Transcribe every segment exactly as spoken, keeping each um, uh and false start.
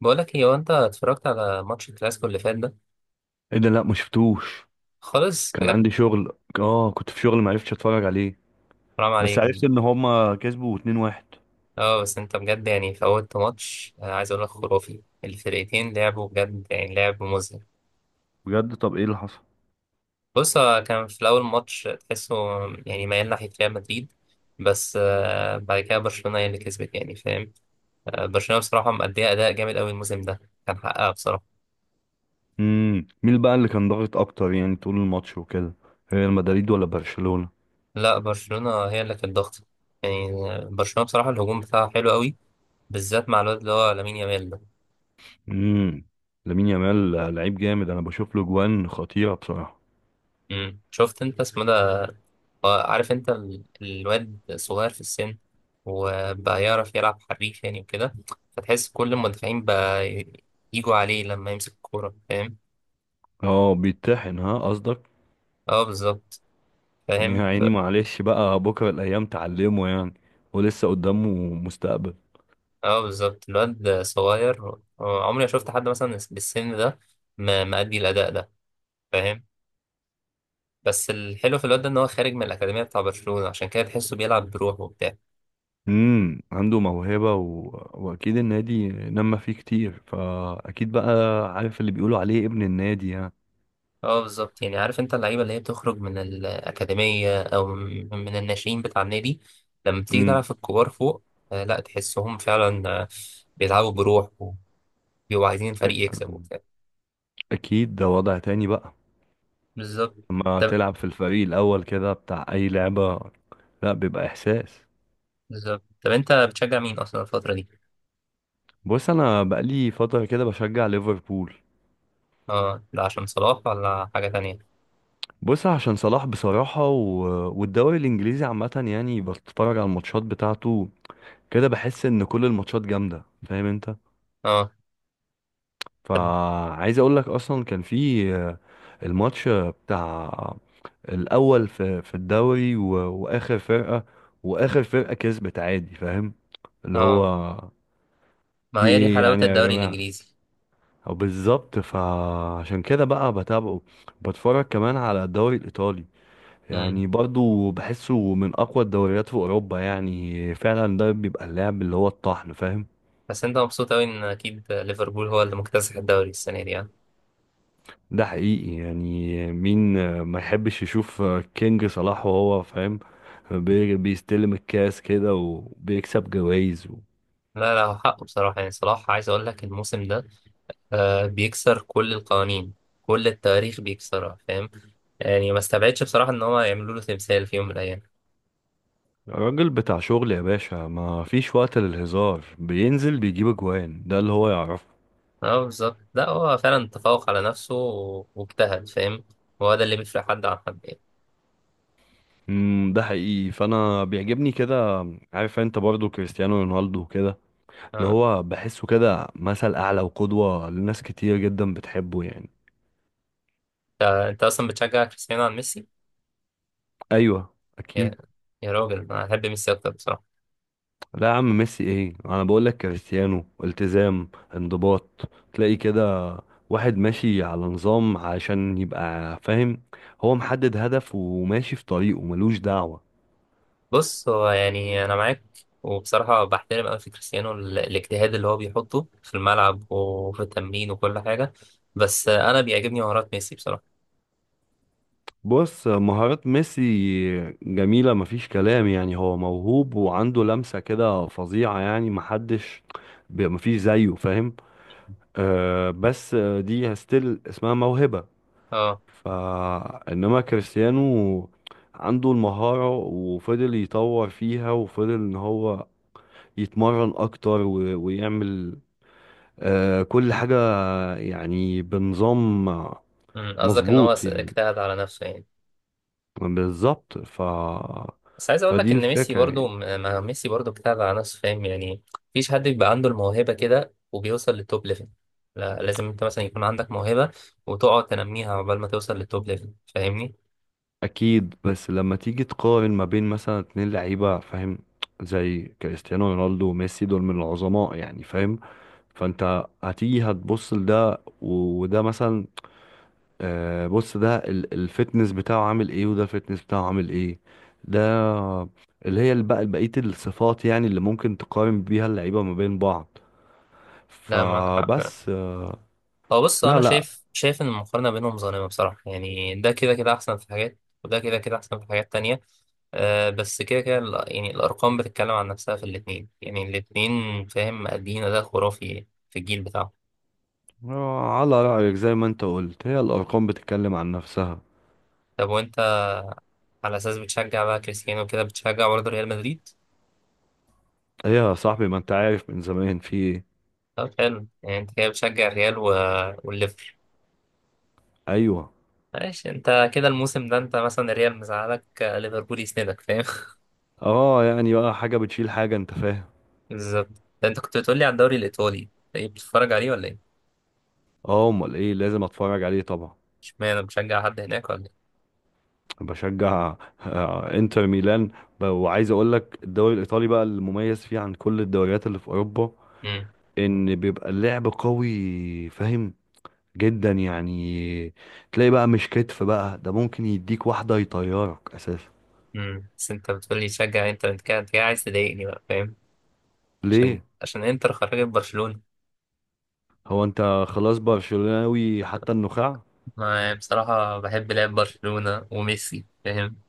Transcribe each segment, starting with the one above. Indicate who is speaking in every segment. Speaker 1: بقولك ايه، هو انت اتفرجت على ماتش الكلاسيكو اللي فات ده
Speaker 2: ايه ده؟ لا، ما شفتوش.
Speaker 1: خالص
Speaker 2: كان
Speaker 1: بجد؟
Speaker 2: عندي شغل، اه كنت في شغل، ما عرفتش اتفرج عليه.
Speaker 1: حرام
Speaker 2: بس
Speaker 1: عليك.
Speaker 2: عرفت ان هما كسبوا اتنين واحد.
Speaker 1: اه بس انت بجد يعني فوتت ماتش، آه، عايز اقول لك خرافي، الفرقتين لعبوا بجد يعني لعب مذهل.
Speaker 2: بجد؟ طب ايه اللي حصل؟
Speaker 1: بص، هو كان في الاول ماتش تحسه يعني ميال ناحية ريال مدريد، بس آه، بعد كده برشلونة هي اللي كسبت يعني، فاهم؟ آه، برشلونة بصراحة مأدية أداء جامد أوي الموسم ده، كان حقها بصراحة.
Speaker 2: امم مين بقى اللي كان ضاغط اكتر يعني طول الماتش وكده؟ ريال مدريد ولا برشلونة؟
Speaker 1: لا، برشلونة هي اللي كانت ضغط، يعني آه، برشلونة بصراحة الهجوم بتاعها حلو أوي، بالذات مع الواد اللي هو لامين يامال ده.
Speaker 2: امم لامين يامال لعيب جامد، انا بشوف له جوان خطيرة بصراحة.
Speaker 1: مم. شفت انت اسمه ده؟ آه، عارف انت ال- الواد صغير في السن، وبقى يعرف يلعب حريف يعني وكده، فتحس كل المدافعين بقى ي- يجوا عليه لما يمسك الكورة، فاهم؟
Speaker 2: اه، بيتطحن ها قصدك؟
Speaker 1: اه بالظبط،
Speaker 2: يا
Speaker 1: فاهم ف-
Speaker 2: عيني، معلش بقى، بكرة الايام تعلمه يعني، ولسه قدامه مستقبل.
Speaker 1: اه بالظبط، الواد صغير. آه، عمري ما شفت حد مثلا بالسن ده م- مأدي الأداء ده، فاهم؟ بس الحلو في الواد ده ان هو خارج من الأكاديمية بتاع برشلونة، عشان كده تحسه بيلعب بروحه وبتاع.
Speaker 2: امم عنده موهبة و... واكيد النادي نما فيه كتير، فاكيد بقى عارف اللي بيقولوا عليه ابن النادي يعني.
Speaker 1: اه بالظبط، يعني عارف انت اللعيبه اللي هي بتخرج من الاكاديميه او من من الناشئين بتاع النادي لما بتيجي تلعب
Speaker 2: امم
Speaker 1: في الكبار فوق. آه لا، تحسهم فعلا، آه بيلعبوا بروح وبيبقوا عايزين
Speaker 2: أ-
Speaker 1: الفريق يكسب وبتاع.
Speaker 2: اكيد ده وضع تاني بقى
Speaker 1: بالظبط
Speaker 2: لما
Speaker 1: طب
Speaker 2: تلعب في الفريق الاول كده بتاع اي لعبة، لا، بيبقى احساس.
Speaker 1: بالظبط طب انت بتشجع مين اصلا الفتره دي؟
Speaker 2: بص، انا بقالي فترة كده بشجع ليفربول.
Speaker 1: اه، ده عشان صلاح ولا حاجه تانية؟
Speaker 2: بص، عشان صلاح بصراحة و... والدوري الانجليزي عامة يعني، بتفرج على الماتشات بتاعته كده، بحس ان كل الماتشات جامدة، فاهم انت؟
Speaker 1: اه طب
Speaker 2: فعايز اقول لك اصلا كان في آه، الماتش بتاع الاول في في الدوري و- واخر فرقه، واخر فرقه كسبت عادي، فاهم؟ اللي هو
Speaker 1: اه،
Speaker 2: في
Speaker 1: ما هي دي
Speaker 2: ايه
Speaker 1: حلاوه
Speaker 2: يعني يا
Speaker 1: الدوري
Speaker 2: جماعه؟
Speaker 1: الانجليزي.
Speaker 2: أو بالظبط، فعشان كده بقى بتابعه. بتفرج كمان على الدوري الايطالي،
Speaker 1: امم
Speaker 2: يعني برضو بحسه من اقوى الدوريات في اوروبا يعني، فعلا ده بيبقى اللعب اللي هو الطحن، فاهم؟
Speaker 1: بس انت مبسوط اوي ان اكيد ليفربول هو اللي مكتسح الدوري السنه دي يعني.
Speaker 2: ده حقيقي يعني، مين آه، ما يحبش يشوف آه، كينج صلاح وهو فاهم، بي- بيستلم الكاس كده وبيكسب جوائز؟
Speaker 1: لا لا، هو حقه بصراحه يعني، صلاح عايز اقول لك الموسم ده آه بيكسر كل القوانين، كل التواريخ بيكسرها، فاهم؟ يعني ما استبعدش بصراحة ان هو يعملوا له تمثال في يوم من الايام.
Speaker 2: راجل بتاع شغل يا باشا، ما فيش وقت للهزار، بينزل بيجيب اجوان، ده اللي هو يعرفه.
Speaker 1: اه بالظبط، لا هو فعلا تفوق على نفسه و- واجتهد، فاهم؟ هو ده اللي بيفرق حد عن حد يعني.
Speaker 2: امم ده حقيقي، فانا بيعجبني كده. عارف انت برضو كريستيانو رونالدو كده، اللي
Speaker 1: اه،
Speaker 2: هو بحسه كده مثل اعلى وقدوة لناس كتير جدا بتحبه يعني.
Speaker 1: انت انت اصلا بتشجع كريستيانو عن ميسي؟
Speaker 2: ايوه،
Speaker 1: يا
Speaker 2: اكيد.
Speaker 1: يا راجل، انا احب ميسي اكتر بصراحة.
Speaker 2: لا يا عم، ميسي ايه؟ انا بقول لك كريستيانو التزام، انضباط، تلاقي كده واحد ماشي على نظام عشان يبقى فاهم، هو محدد هدف وماشي في طريقه ملوش دعوة.
Speaker 1: بص، هو يعني انا معاك، وبصراحة بحترم أوي في كريستيانو ال- الاجتهاد اللي هو بيحطه في الملعب وفي التمرين وكل حاجة، بس أنا بيعجبني مهارات ميسي بصراحة.
Speaker 2: بص، مهارات ميسي جميلة، مفيش كلام يعني، هو موهوب وعنده لمسة كده فظيعة يعني، محدش ب- مفيش زيه، فاهم؟ آه بس دي ستيل اسمها موهبة.
Speaker 1: اه،
Speaker 2: فإنما كريستيانو عنده المهارة، وفضل يطور فيها، وفضل إن هو يتمرن أكتر و- ويعمل آه، كل حاجة يعني بنظام،
Speaker 1: مم، قصدك ان هو
Speaker 2: مظبوط
Speaker 1: س-
Speaker 2: يعني.
Speaker 1: اجتهد على نفسه يعني؟
Speaker 2: بالظبط، ف
Speaker 1: بس عايز اقول
Speaker 2: فدي
Speaker 1: لك ان ميسي
Speaker 2: الفكرة
Speaker 1: برضو
Speaker 2: يعني.
Speaker 1: م- ما ميسي برضو اجتهد على نفسه، فاهم يعني؟ مفيش حد بيبقى عنده الموهبة كده وبيوصل للتوب ليفل، لا لازم انت مثلا يكون عندك موهبة وتقعد تنميها عقبال ما توصل للتوب ليفل، فاهمني؟
Speaker 2: أكيد، بس لما تيجي تقارن ما بين مثلا اتنين لعيبة فاهم، زي كريستيانو رونالدو وميسي، دول من العظماء يعني فاهم. فأنت هتيجي هتبص لده وده، مثلا آه بص، ده ال- الفتنس بتاعه عامل ايه، وده الفتنس بتاعه عامل ايه، ده اللي هي بقى بقية الصفات يعني اللي ممكن تقارن بيها اللعيبة ما بين بعض.
Speaker 1: لا معاك حق
Speaker 2: فبس
Speaker 1: فعلا.
Speaker 2: آه
Speaker 1: هو بص،
Speaker 2: لا،
Speaker 1: انا
Speaker 2: لا.
Speaker 1: شايف شايف ان المقارنة بينهم ظالمة بصراحة، يعني ده كده كده احسن في حاجات، وده كده كده احسن في حاجات تانية. أه بس كده كده ال- يعني الارقام بتتكلم عن نفسها في الاتنين، يعني الاتنين فاهم، مأدين اداء خرافي في الجيل بتاعه.
Speaker 2: آه، على رأيك، زي ما انت قلت، هي الأرقام بتتكلم عن نفسها.
Speaker 1: طب وانت، على اساس بتشجع بقى كريستيانو كده، بتشجع برضه ريال مدريد؟
Speaker 2: هي يا صاحبي، ما انت عارف من زمان في ايه.
Speaker 1: طب حلو، يعني انت كده بتشجع الريال و... والليفر
Speaker 2: ايوه.
Speaker 1: ماشي، انت كده الموسم ده، انت مثلا الريال مزعلك، آه، ليفربول يسندك، فاهم؟
Speaker 2: اه، يعني بقى حاجة بتشيل حاجة، انت فاهم.
Speaker 1: بالظبط، ده انت كنت بتقولي على الدوري الايطالي، ايه، بتتفرج عليه ولا ايه؟
Speaker 2: اه، امال ايه، لازم اتفرج عليه طبعا.
Speaker 1: اشمعنى بتشجع حد هناك ولا ايه؟
Speaker 2: بشجع آه، انتر ميلان. ب- وعايز اقول لك الدوري الايطالي بقى، المميز فيه عن كل الدوريات اللي في اوروبا
Speaker 1: امم
Speaker 2: ان بيبقى اللعب قوي، فاهم؟ جدا يعني، تلاقي بقى مش كتف، بقى ده ممكن يديك واحدة يطيرك اساسا.
Speaker 1: امم بس انت بتقولي تشجع انتر، انت كده انت كده عايز تضايقني بقى، فاهم؟ عشان
Speaker 2: ليه؟
Speaker 1: عشان انتر خرجت برشلونة.
Speaker 2: هو انت خلاص برشلوناوي حتى النخاع؟
Speaker 1: ما بصراحة بحب لعب برشلونة وميسي، فاهم؟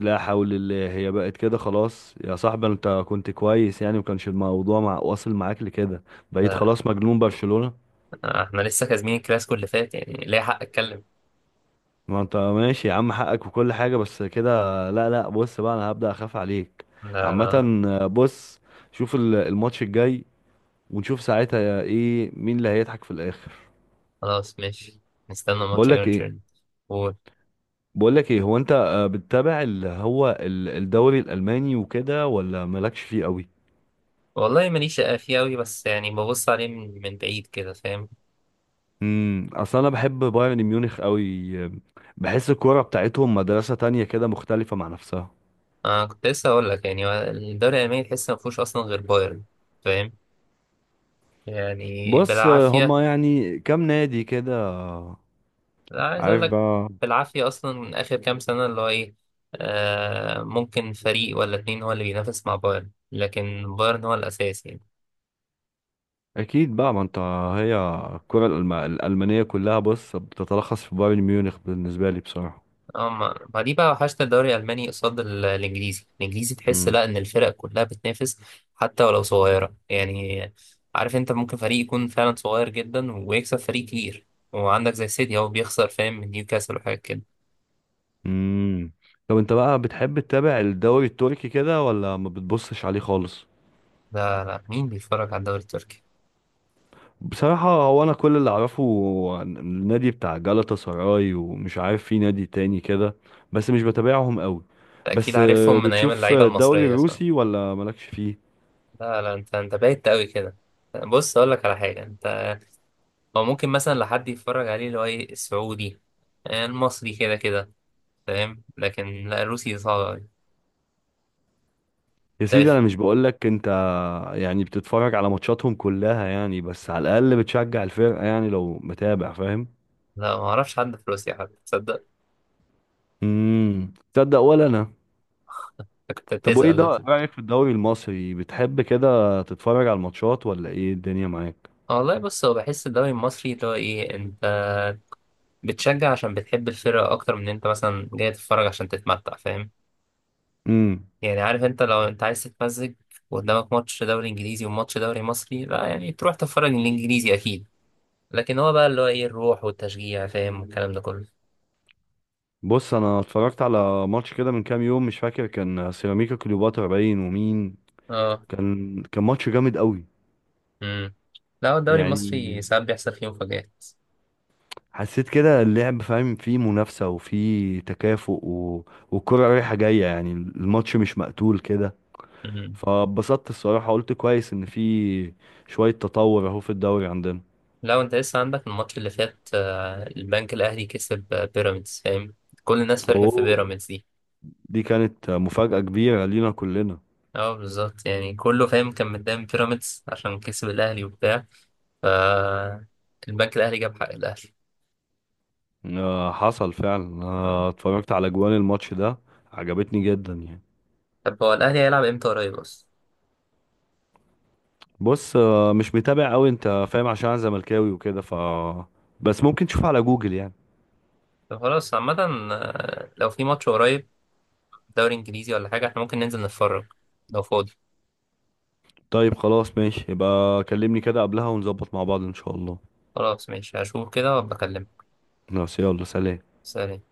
Speaker 2: لا حول الله، هي بقت كده خلاص يا صاحبي؟ انت كنت كويس يعني، وكانش الموضوع مع واصل معاك لكده. بقيت خلاص
Speaker 1: ف-
Speaker 2: مجنون برشلونة.
Speaker 1: احنا لسه كاسبين الكلاسيكو اللي فات يعني، ليه حق اتكلم.
Speaker 2: ما انت ماشي يا عم، حقك وكل حاجة، بس كده. لا، لا، بص بقى، انا هبدأ اخاف عليك
Speaker 1: لا
Speaker 2: عامة.
Speaker 1: لا،
Speaker 2: بص، شوف ال- الماتش الجاي، ونشوف ساعتها ايه، مين اللي هيضحك في الاخر.
Speaker 1: خلاص ماشي، نستنى ماتش
Speaker 2: بقولك ايه؟
Speaker 1: ايرجن. قول.
Speaker 2: بقولك ايه، هو انت آه، بتتابع اللي هو ال- الدوري الالماني وكده ولا مالكش فيه قوي؟
Speaker 1: والله ماليش فيه أوي، بس يعني ببص عليه من, من بعيد كده، فاهم؟
Speaker 2: امم اصل انا بحب بايرن ميونخ قوي، بحس الكوره بتاعتهم مدرسه تانية كده، مختلفه مع نفسها.
Speaker 1: أنا كنت لسه هقول لك، يعني هو الدوري الألماني تحس ما فيهوش أصلا غير بايرن، فاهم يعني،
Speaker 2: بص آه،
Speaker 1: بالعافية.
Speaker 2: هما يعني كام نادي كده،
Speaker 1: لا عايز أقول
Speaker 2: عارف
Speaker 1: لك،
Speaker 2: بقى؟
Speaker 1: بالعافية أصلا آخر كام سنة، اللي هو إيه، آه ممكن فريق ولا اتنين هو اللي بينافس مع بايرن، لكن بايرن هو الأساس يعني.
Speaker 2: اكيد بقى، ما انت، هي الكره الألم- الالمانيه كلها بص بتتلخص في بايرن ميونخ بالنسبه لي بصراحه.
Speaker 1: اه، ما ما دي بقى وحشت، الدوري الالماني قصاد ال- الانجليزي، الانجليزي تحس
Speaker 2: امم.
Speaker 1: لا، ان الفرق كلها بتنافس حتى ولو صغيره يعني. عارف انت ممكن فريق يكون فعلا صغير جدا ويكسب فريق كبير، وعندك زي سيتي هو بيخسر فاهم، من نيوكاسل وحاجات كده.
Speaker 2: امم، طب انت بقى بتحب تتابع الدوري التركي كده ولا ما بتبصش عليه خالص؟
Speaker 1: لا لا، مين بيتفرج على الدوري التركي؟
Speaker 2: بصراحه، هو انا كل اللي اعرفه عن النادي بتاع جالاتا سراي، ومش عارف في نادي تاني كده، بس مش بتابعهم قوي.
Speaker 1: ده اكيد
Speaker 2: بس آه،
Speaker 1: عارفهم من ايام
Speaker 2: بتشوف
Speaker 1: اللعيبه
Speaker 2: الدوري
Speaker 1: المصريه، صح؟
Speaker 2: الروسي ولا مالكش فيه؟
Speaker 1: لا لا، انت انت بايت قوي كده. بص، اقول لك على حاجه انت، هو ممكن مثلا لحد يتفرج عليه اللي هو ايه السعودي، المصري كده كده، فاهم، لكن لا الروسي صعب أوي.
Speaker 2: يا
Speaker 1: طب
Speaker 2: سيدي، انا مش بقولك انت، يعني بتتفرج على ماتشاتهم كلها يعني، بس على الاقل بتشجع الفرقه يعني لو متابع، فاهم؟
Speaker 1: لا، ما اعرفش حد في روسيا حتى، تصدق؟
Speaker 2: امم تصدق ولا انا.
Speaker 1: كنت
Speaker 2: طب وايه
Speaker 1: هتسأل
Speaker 2: ده، إيه
Speaker 1: بس.
Speaker 2: رايك في الدوري المصري؟ بتحب كده تتفرج على الماتشات ولا ايه الدنيا معاك؟
Speaker 1: آه، والله بص، هو بحس الدوري المصري اللي هو ايه، انت بتشجع عشان بتحب الفرقة اكتر من انت مثلا جاي تتفرج عشان تتمتع، فاهم
Speaker 2: امم.
Speaker 1: يعني؟ عارف انت لو انت عايز تتمزج، وقدامك ماتش دوري انجليزي وماتش دوري مصري، لا يعني تروح تتفرج الانجليزي اكيد، لكن هو بقى اللي هو ايه الروح والتشجيع، فاهم، والكلام ده كله.
Speaker 2: بص، انا اتفرجت على ماتش كده من كام يوم مش فاكر، كان سيراميكا كليوباترا باين ومين،
Speaker 1: اه
Speaker 2: كان كان ماتش جامد قوي.
Speaker 1: امم لا، هو الدوري المصري
Speaker 2: يعني
Speaker 1: ساعات بيحصل فيه مفاجآت.
Speaker 2: حسيت كده اللعب فاهم فيه منافسة، وفيه تكافؤ، و... والكرة رايحة جاية يعني، الماتش مش مقتول كده، فبسطت الصراحة، قلت كويس إن في شوية تطور أهو في الدوري عندنا.
Speaker 1: لو انت لسه عندك الماتش اللي فات، آه، البنك الاهلي كسب آه، بيراميدز، فاهم، كل الناس فرحت في
Speaker 2: أوه،
Speaker 1: بيراميدز دي.
Speaker 2: دي كانت مفاجأة كبيرة لينا كلنا.
Speaker 1: اه بالظبط، يعني كله فاهم كان مدام بيراميدز عشان كسب الاهلي وبتاع، ف البنك الاهلي جاب حق الاهلي.
Speaker 2: آه، حصل فعلا،
Speaker 1: آه.
Speaker 2: آه اتفرجت على جوان الماتش ده، عجبتني جدا يعني.
Speaker 1: طب هو الاهلي هيلعب امتى قريب اصلا؟
Speaker 2: بص آه مش متابع أوي أنت، فاهم؟ عشان أنا زملكاوي وكده، ف بس ممكن تشوف على جوجل يعني.
Speaker 1: طب خلاص عامه، آه، لو في ماتش قريب دوري انجليزي ولا حاجه، احنا ممكن ننزل نتفرج لو فاضي.
Speaker 2: طيب خلاص ماشي، يبقى كلمني كده قبلها ونظبط مع بعض ان شاء الله.
Speaker 1: خلاص ماشي، هشوف كده وابقى اكلمك.
Speaker 2: خلاص، يلا، سلام.
Speaker 1: سلام.